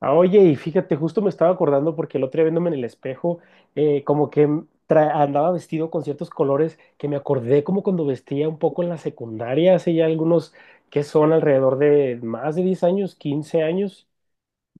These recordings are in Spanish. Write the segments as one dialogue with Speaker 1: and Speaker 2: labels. Speaker 1: Oye, y fíjate, justo me estaba acordando porque el otro día viéndome en el espejo, como que andaba vestido con ciertos colores que me acordé como cuando vestía un poco en la secundaria, hace ya algunos que son alrededor de más de 10 años, 15 años,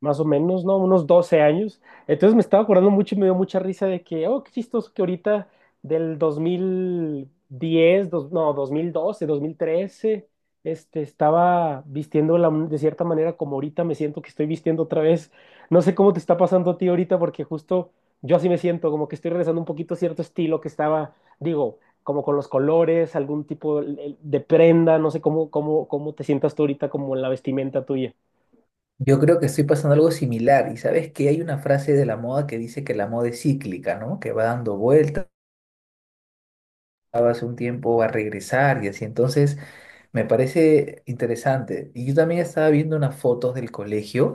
Speaker 1: más o menos, ¿no? Unos 12 años. Entonces me estaba acordando mucho y me dio mucha risa de que, oh, qué chistoso que ahorita del 2010, no, 2012, 2013, estaba vistiendo la de cierta manera como ahorita me siento que estoy vistiendo otra vez. No sé cómo te está pasando a ti ahorita porque justo yo así me siento, como que estoy regresando un poquito a cierto estilo que estaba, digo, como con los colores, algún tipo de prenda, no sé cómo, cómo, cómo te sientas tú ahorita como en la vestimenta tuya.
Speaker 2: Yo creo que estoy pasando algo similar y sabes que hay una frase de la moda que dice que la moda es cíclica, ¿no? Que va dando vueltas, hace un tiempo va a regresar y así. Entonces, me parece interesante. Y yo también estaba viendo unas fotos del colegio.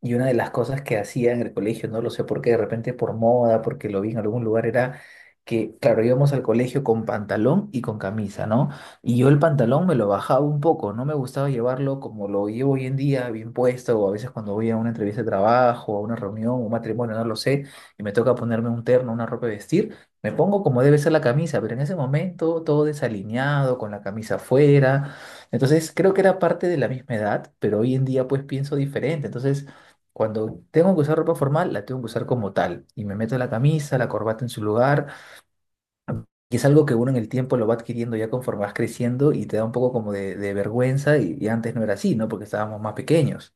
Speaker 2: Y una de las cosas que hacía en el colegio, no lo sé por qué, de repente por moda, porque lo vi en algún lugar, era que, claro, íbamos al colegio con pantalón y con camisa, ¿no? Y yo el pantalón me lo bajaba un poco, no me gustaba llevarlo como lo llevo hoy en día, bien puesto, o a veces cuando voy a una entrevista de trabajo, a una reunión, un matrimonio, no lo sé, y me toca ponerme un terno, una ropa de vestir, me pongo como debe ser la camisa, pero en ese momento todo desalineado, con la camisa afuera. Entonces creo que era parte de la misma edad, pero hoy en día pues pienso diferente. Entonces, cuando tengo que usar ropa formal, la tengo que usar como tal. Y me meto la camisa, la corbata en su lugar. Y es algo que uno en el tiempo lo va adquiriendo ya conforme vas creciendo y te da un poco como de vergüenza. Y antes no era así, ¿no? Porque estábamos más pequeños.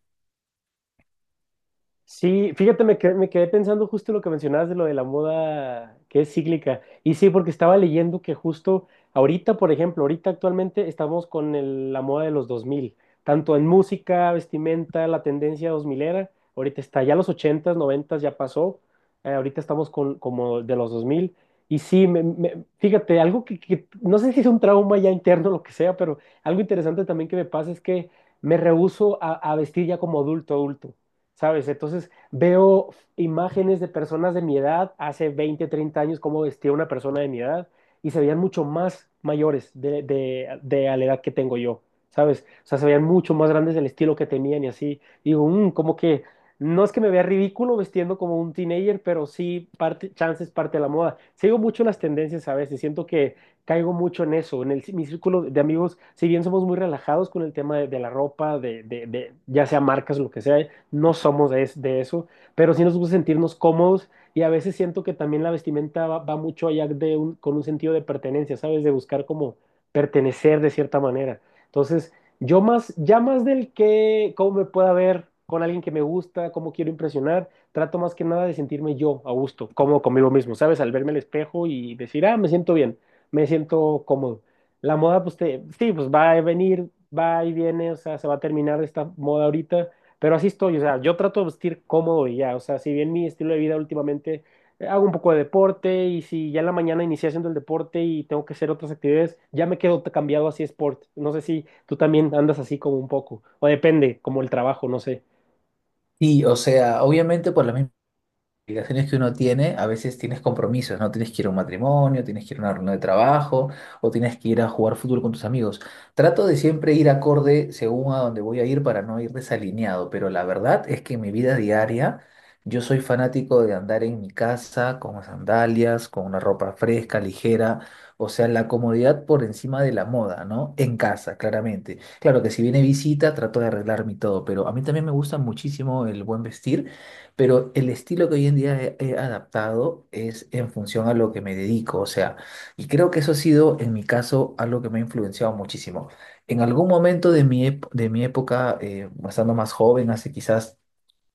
Speaker 1: Sí, fíjate, me quedé pensando justo lo que mencionabas de lo de la moda que es cíclica. Y sí, porque estaba leyendo que justo ahorita, por ejemplo, ahorita actualmente estamos con la moda de los 2000 tanto en música, vestimenta, la tendencia dos milera. Ahorita está ya los ochentas, noventas ya pasó. Ahorita estamos con como de los dos mil. Y sí, fíjate, algo que no sé si es un trauma ya interno, lo que sea, pero algo interesante también que me pasa es que me rehúso a vestir ya como adulto, adulto. ¿Sabes? Entonces veo imágenes de personas de mi edad, hace 20, 30 años, cómo vestía una persona de mi edad, y se veían mucho más mayores de a la edad que tengo yo, ¿sabes? O sea, se veían mucho más grandes del estilo que tenían y así. Digo, "Mm, como que no es que me vea ridículo vestiendo como un teenager, pero sí, parte, chance es parte de la moda. Sigo mucho las tendencias a veces, siento que caigo mucho en eso, en el, mi círculo de amigos, si bien somos muy relajados con el tema de la ropa, de, ya sea marcas, lo que sea, no somos de, de eso, pero sí nos gusta sentirnos cómodos y a veces siento que también la vestimenta va, va mucho allá de con un sentido de pertenencia, ¿sabes? De buscar como pertenecer de cierta manera. Entonces, yo más, ya más del que, cómo me pueda ver con alguien que me gusta, cómo quiero impresionar, trato más que nada de sentirme yo a gusto, cómodo conmigo mismo, ¿sabes? Al verme al espejo y decir, ah, me siento bien, me siento cómodo. La moda, pues sí, pues va a venir, va y viene, o sea, se va a terminar esta moda ahorita, pero así estoy, o sea, yo trato de vestir cómodo y ya, o sea, si bien mi estilo de vida últimamente hago un poco de deporte y si ya en la mañana inicié haciendo el deporte y tengo que hacer otras actividades, ya me quedo cambiado así sport. No sé si tú también andas así como un poco, o depende, como el trabajo, no sé.
Speaker 2: Y, o sea, obviamente por la misma obligaciones que uno tiene, a veces tienes compromisos, ¿no? Tienes que ir a un matrimonio, tienes que ir a una reunión de trabajo o tienes que ir a jugar fútbol con tus amigos. Trato de siempre ir acorde según a dónde voy a ir para no ir desalineado, pero la verdad es que en mi vida diaria yo soy fanático de andar en mi casa con sandalias, con una ropa fresca, ligera. O sea, la comodidad por encima de la moda, ¿no? En casa, claramente. Claro que si viene visita, trato de arreglarme y todo, pero a mí también me gusta muchísimo el buen vestir. Pero el estilo que hoy en día he adaptado es en función a lo que me dedico, o sea, y creo que eso ha sido, en mi caso, algo que me ha influenciado muchísimo. En algún momento de mi, de mi época, estando más joven, hace quizás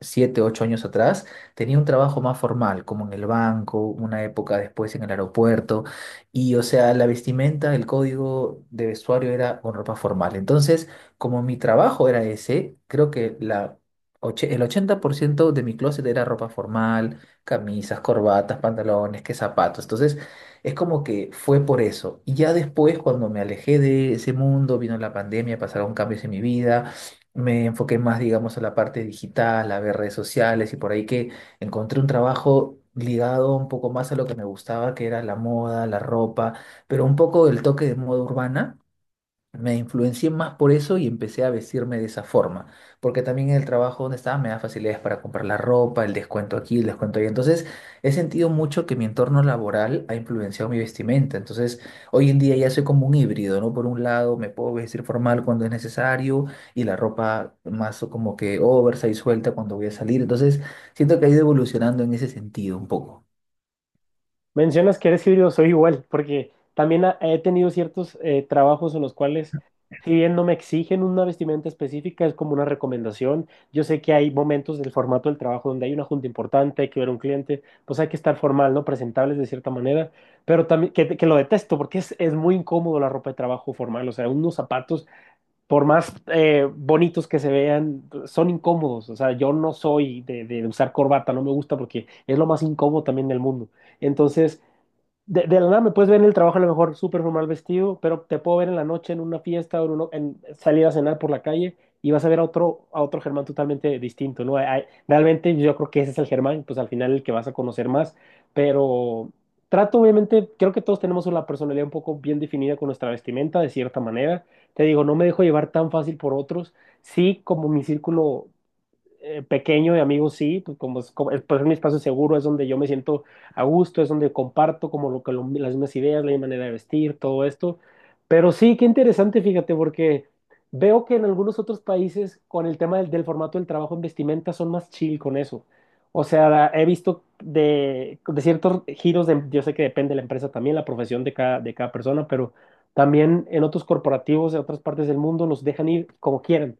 Speaker 2: 7, 8 años atrás, tenía un trabajo más formal, como en el banco, una época después en el aeropuerto, y o sea, la vestimenta, el código de vestuario era con ropa formal. Entonces, como mi trabajo era ese, creo que la el 80% de mi closet era ropa formal, camisas, corbatas, pantalones, que zapatos. Entonces, es como que fue por eso. Y ya después, cuando me alejé de ese mundo, vino la pandemia, pasaron cambios en mi vida, me enfoqué más, digamos, a la parte digital, a ver redes sociales y por ahí que encontré un trabajo ligado un poco más a lo que me gustaba, que era la moda, la ropa, pero un poco el toque de moda urbana, me influencié más por eso y empecé a vestirme de esa forma, porque también en el trabajo donde estaba me da facilidades para comprar la ropa, el descuento aquí, el descuento allá. Entonces, he sentido mucho que mi entorno laboral ha influenciado mi vestimenta. Entonces, hoy en día ya soy como un híbrido, ¿no? Por un lado, me puedo vestir formal cuando es necesario y la ropa más o como que oversize suelta cuando voy a salir. Entonces, siento que ha ido evolucionando en ese sentido un poco.
Speaker 1: Mencionas que eres híbrido, soy igual, porque también he tenido ciertos trabajos en los cuales, si bien no me exigen una vestimenta específica, es como una recomendación. Yo sé que hay momentos del formato del trabajo donde hay una junta importante, hay que ver a un cliente, pues hay que estar formal, ¿no? Presentables de cierta manera, pero también que lo detesto porque es muy incómodo la ropa de trabajo formal, o sea, unos zapatos, por más bonitos que se vean, son incómodos, o sea, yo no soy de usar corbata, no me gusta porque es lo más incómodo también del mundo. Entonces, de la nada me puedes ver en el trabajo a lo mejor súper formal vestido, pero te puedo ver en la noche en una fiesta o en, en salir a cenar por la calle y vas a ver a otro Germán totalmente distinto, ¿no? Realmente yo creo que ese es el Germán, pues al final el que vas a conocer más, pero trato obviamente, creo que todos tenemos una personalidad un poco bien definida con nuestra vestimenta de cierta manera. Te digo, no me dejo llevar tan fácil por otros. Sí, como mi círculo pequeño de amigos, sí, pues como, pues es mi espacio seguro, es donde yo me siento a gusto, es donde comparto como lo que las mismas ideas, la misma manera de vestir, todo esto. Pero sí, qué interesante, fíjate, porque veo que en algunos otros países con el tema del, del formato del trabajo en vestimenta son más chill con eso. O sea, he visto de ciertos giros, yo sé que depende de la empresa también, la profesión de cada persona, pero también en otros corporativos de otras partes del mundo los dejan ir como quieran.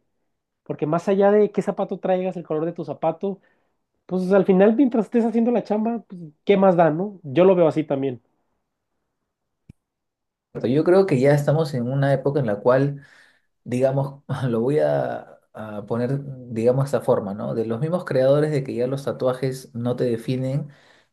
Speaker 1: Porque más allá de qué zapato traigas, el color de tu zapato, pues al final mientras estés haciendo la chamba, pues, ¿qué más da, no? Yo lo veo así también.
Speaker 2: Yo creo que ya estamos en una época en la cual digamos, lo voy a poner, digamos, de esta forma, ¿no? De los mismos creadores de que ya los tatuajes no te definen,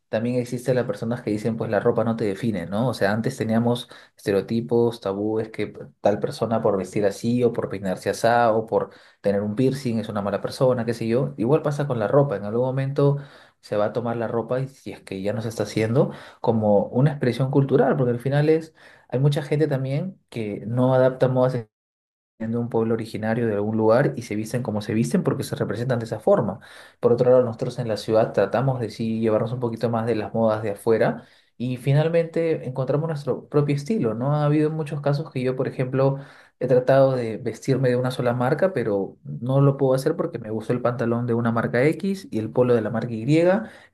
Speaker 2: también existen las personas que dicen, pues la ropa no te define, ¿no? O sea, antes teníamos estereotipos, tabúes, que tal persona por vestir así o por peinarse así o por tener un piercing es una mala persona, qué sé yo. Igual pasa con la ropa, en algún momento se va a tomar la ropa y si es que ya no se está haciendo como una expresión cultural, porque al final es, hay mucha gente también que no adapta modas de un pueblo originario de algún lugar y se visten como se visten porque se representan de esa forma. Por otro lado, nosotros en la ciudad tratamos de sí llevarnos un poquito más de las modas de afuera y finalmente encontramos nuestro propio estilo, ¿no? Ha habido muchos casos que yo, por ejemplo, he tratado de vestirme de una sola marca, pero no lo puedo hacer porque me gustó el pantalón de una marca X y el polo de la marca Y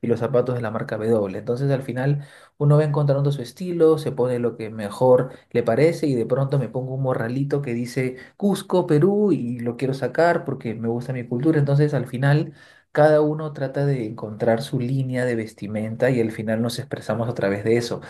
Speaker 2: y los zapatos de la marca W. Entonces, al final uno va encontrando su estilo, se pone lo que mejor le parece y de pronto me pongo un morralito que dice Cusco, Perú y lo quiero sacar porque me gusta mi cultura. Entonces al final cada uno trata de encontrar su línea de vestimenta y al final nos expresamos a través de eso.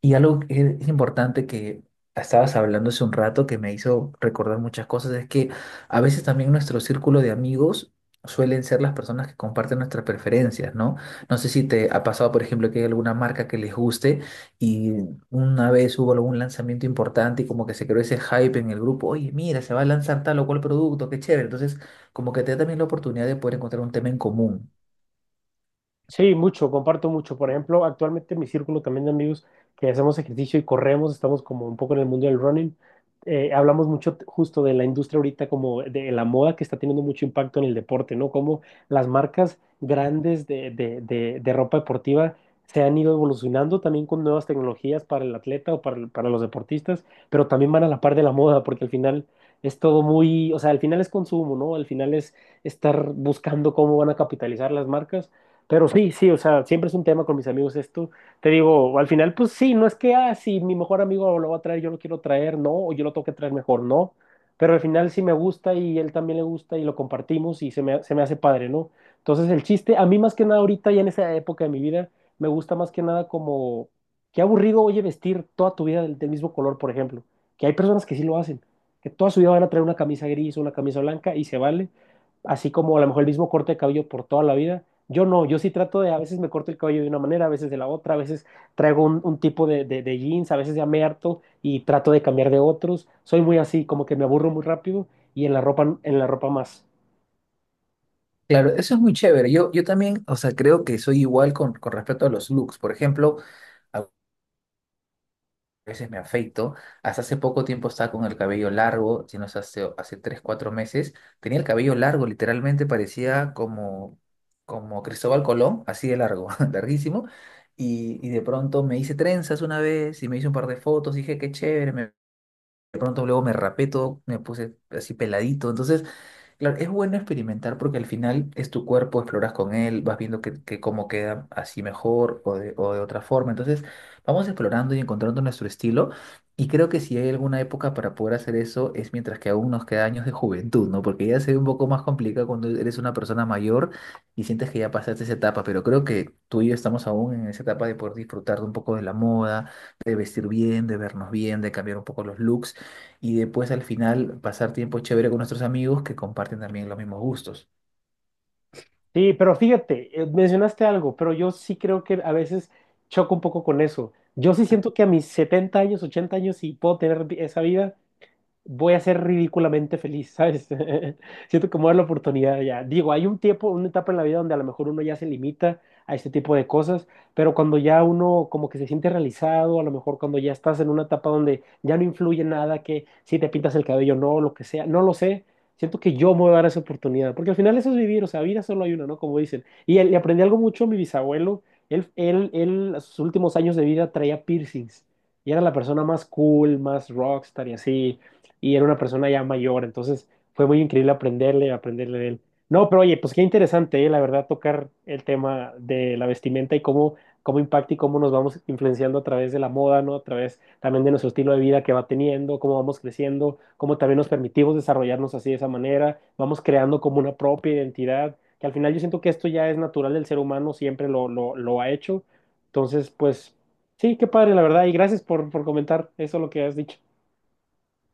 Speaker 2: Y algo que es importante que estabas hablando hace un rato que me hizo recordar muchas cosas es que a veces también nuestro círculo de amigos suelen ser las personas que comparten nuestras preferencias, ¿no? No sé si te ha pasado, por ejemplo, que hay alguna marca que les guste y una vez hubo algún lanzamiento importante y como que se creó ese hype en el grupo, oye, mira, se va a lanzar tal o cual producto, qué chévere. Entonces, como que te da también la oportunidad de poder encontrar un tema en común.
Speaker 1: Sí, mucho, comparto mucho. Por ejemplo, actualmente en mi círculo también de amigos que hacemos ejercicio y corremos, estamos como un poco en el mundo del running. Hablamos mucho justo de la industria ahorita, como de la moda que está teniendo mucho impacto en el deporte, ¿no? Como las marcas grandes de, de ropa deportiva se han ido evolucionando también con nuevas tecnologías para el atleta o para, para los deportistas, pero también van a la par de la moda, porque al final es todo muy, o sea, al final es consumo, ¿no? Al final es estar buscando cómo van a capitalizar las marcas. Pero sí, sí, o sea, siempre es un tema con mis amigos esto. Te digo, al final, pues sí, no es que, ah, si mi mejor amigo lo va a traer, yo lo quiero traer, no, o yo lo tengo que traer mejor, no. Pero al final sí me gusta y él también le gusta y lo compartimos y se me hace padre, ¿no? Entonces el chiste, a mí más que nada ahorita y en esa época de mi vida, me gusta más que nada como, qué aburrido, oye, vestir toda tu vida del, del mismo color, por ejemplo. Que hay personas que sí lo hacen, que toda su vida van a traer una camisa gris o una camisa blanca y se vale así como a lo mejor el mismo corte de cabello por toda la vida, yo no, yo sí trato de, a veces me corto el cabello de una manera, a veces de la otra, a veces traigo un tipo de, de jeans, a veces ya me harto y trato de cambiar de otros. Soy muy así, como que me aburro muy rápido y en la ropa más.
Speaker 2: Claro, eso es muy chévere. Yo también, o sea, creo que soy igual con respecto a los looks. Por ejemplo, a veces me afeito. Hasta hace poco tiempo estaba con el cabello largo, si no es hace, hace 3, 4 meses. Tenía el cabello largo, literalmente parecía como, como Cristóbal Colón, así de largo, larguísimo. Y de pronto me hice trenzas una vez y me hice un par de fotos. Dije, qué chévere. De pronto luego me rapé todo, me puse así peladito. Entonces claro, es bueno experimentar porque al final es tu cuerpo, exploras con él, vas viendo que cómo queda así mejor o de otra forma. Entonces, vamos explorando y encontrando nuestro estilo. Y creo que si hay alguna época para poder hacer eso es mientras que aún nos queda años de juventud, ¿no? Porque ya se ve un poco más complicado cuando eres una persona mayor y sientes que ya pasaste esa etapa. Pero creo que tú y yo estamos aún en esa etapa de poder disfrutar de un poco de la moda, de vestir bien, de vernos bien, de cambiar un poco los looks y después al final pasar tiempo chévere con nuestros amigos que comparten también los mismos gustos.
Speaker 1: Sí, pero fíjate, mencionaste algo, pero yo sí creo que a veces choco un poco con eso. Yo sí siento que a mis 70 años, 80 años, sí puedo tener esa vida, voy a ser ridículamente feliz, ¿sabes? Siento que me voy a dar la oportunidad ya. Digo, hay un tiempo, una etapa en la vida donde a lo mejor uno ya se limita a este tipo de cosas, pero cuando ya uno como que se siente realizado, a lo mejor cuando ya estás en una etapa donde ya no influye nada, que si te pintas el cabello, no, lo que sea, no lo sé. Siento que yo me voy a dar esa oportunidad, porque al final eso es vivir, o sea, vida solo hay una, ¿no? Como dicen. Y aprendí algo mucho, mi bisabuelo, a sus últimos años de vida traía piercings y era la persona más cool, más rockstar y así y era una persona ya mayor, entonces fue muy increíble aprenderle, aprenderle de él. No, pero oye, pues qué interesante, ¿eh? La verdad, tocar el tema de la vestimenta y cómo, cómo impacta y cómo nos vamos influenciando a través de la moda, ¿no? A través también de nuestro estilo de vida que va teniendo, cómo vamos creciendo, cómo también nos permitimos desarrollarnos así de esa manera, vamos creando como una propia identidad, que al final yo siento que esto ya es natural del ser humano, siempre lo, lo ha hecho. Entonces, pues sí, qué padre, la verdad, y gracias por comentar eso lo que has dicho.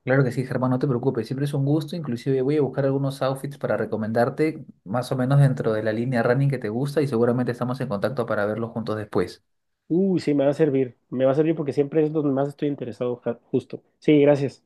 Speaker 2: Claro que sí, Germán, no te preocupes, siempre es un gusto, inclusive voy a buscar algunos outfits para recomendarte más o menos dentro de la línea running que te gusta y seguramente estamos en contacto para verlos juntos después.
Speaker 1: Uy, sí, me va a servir. Me va a servir porque siempre es donde más estoy interesado, justo. Sí, gracias.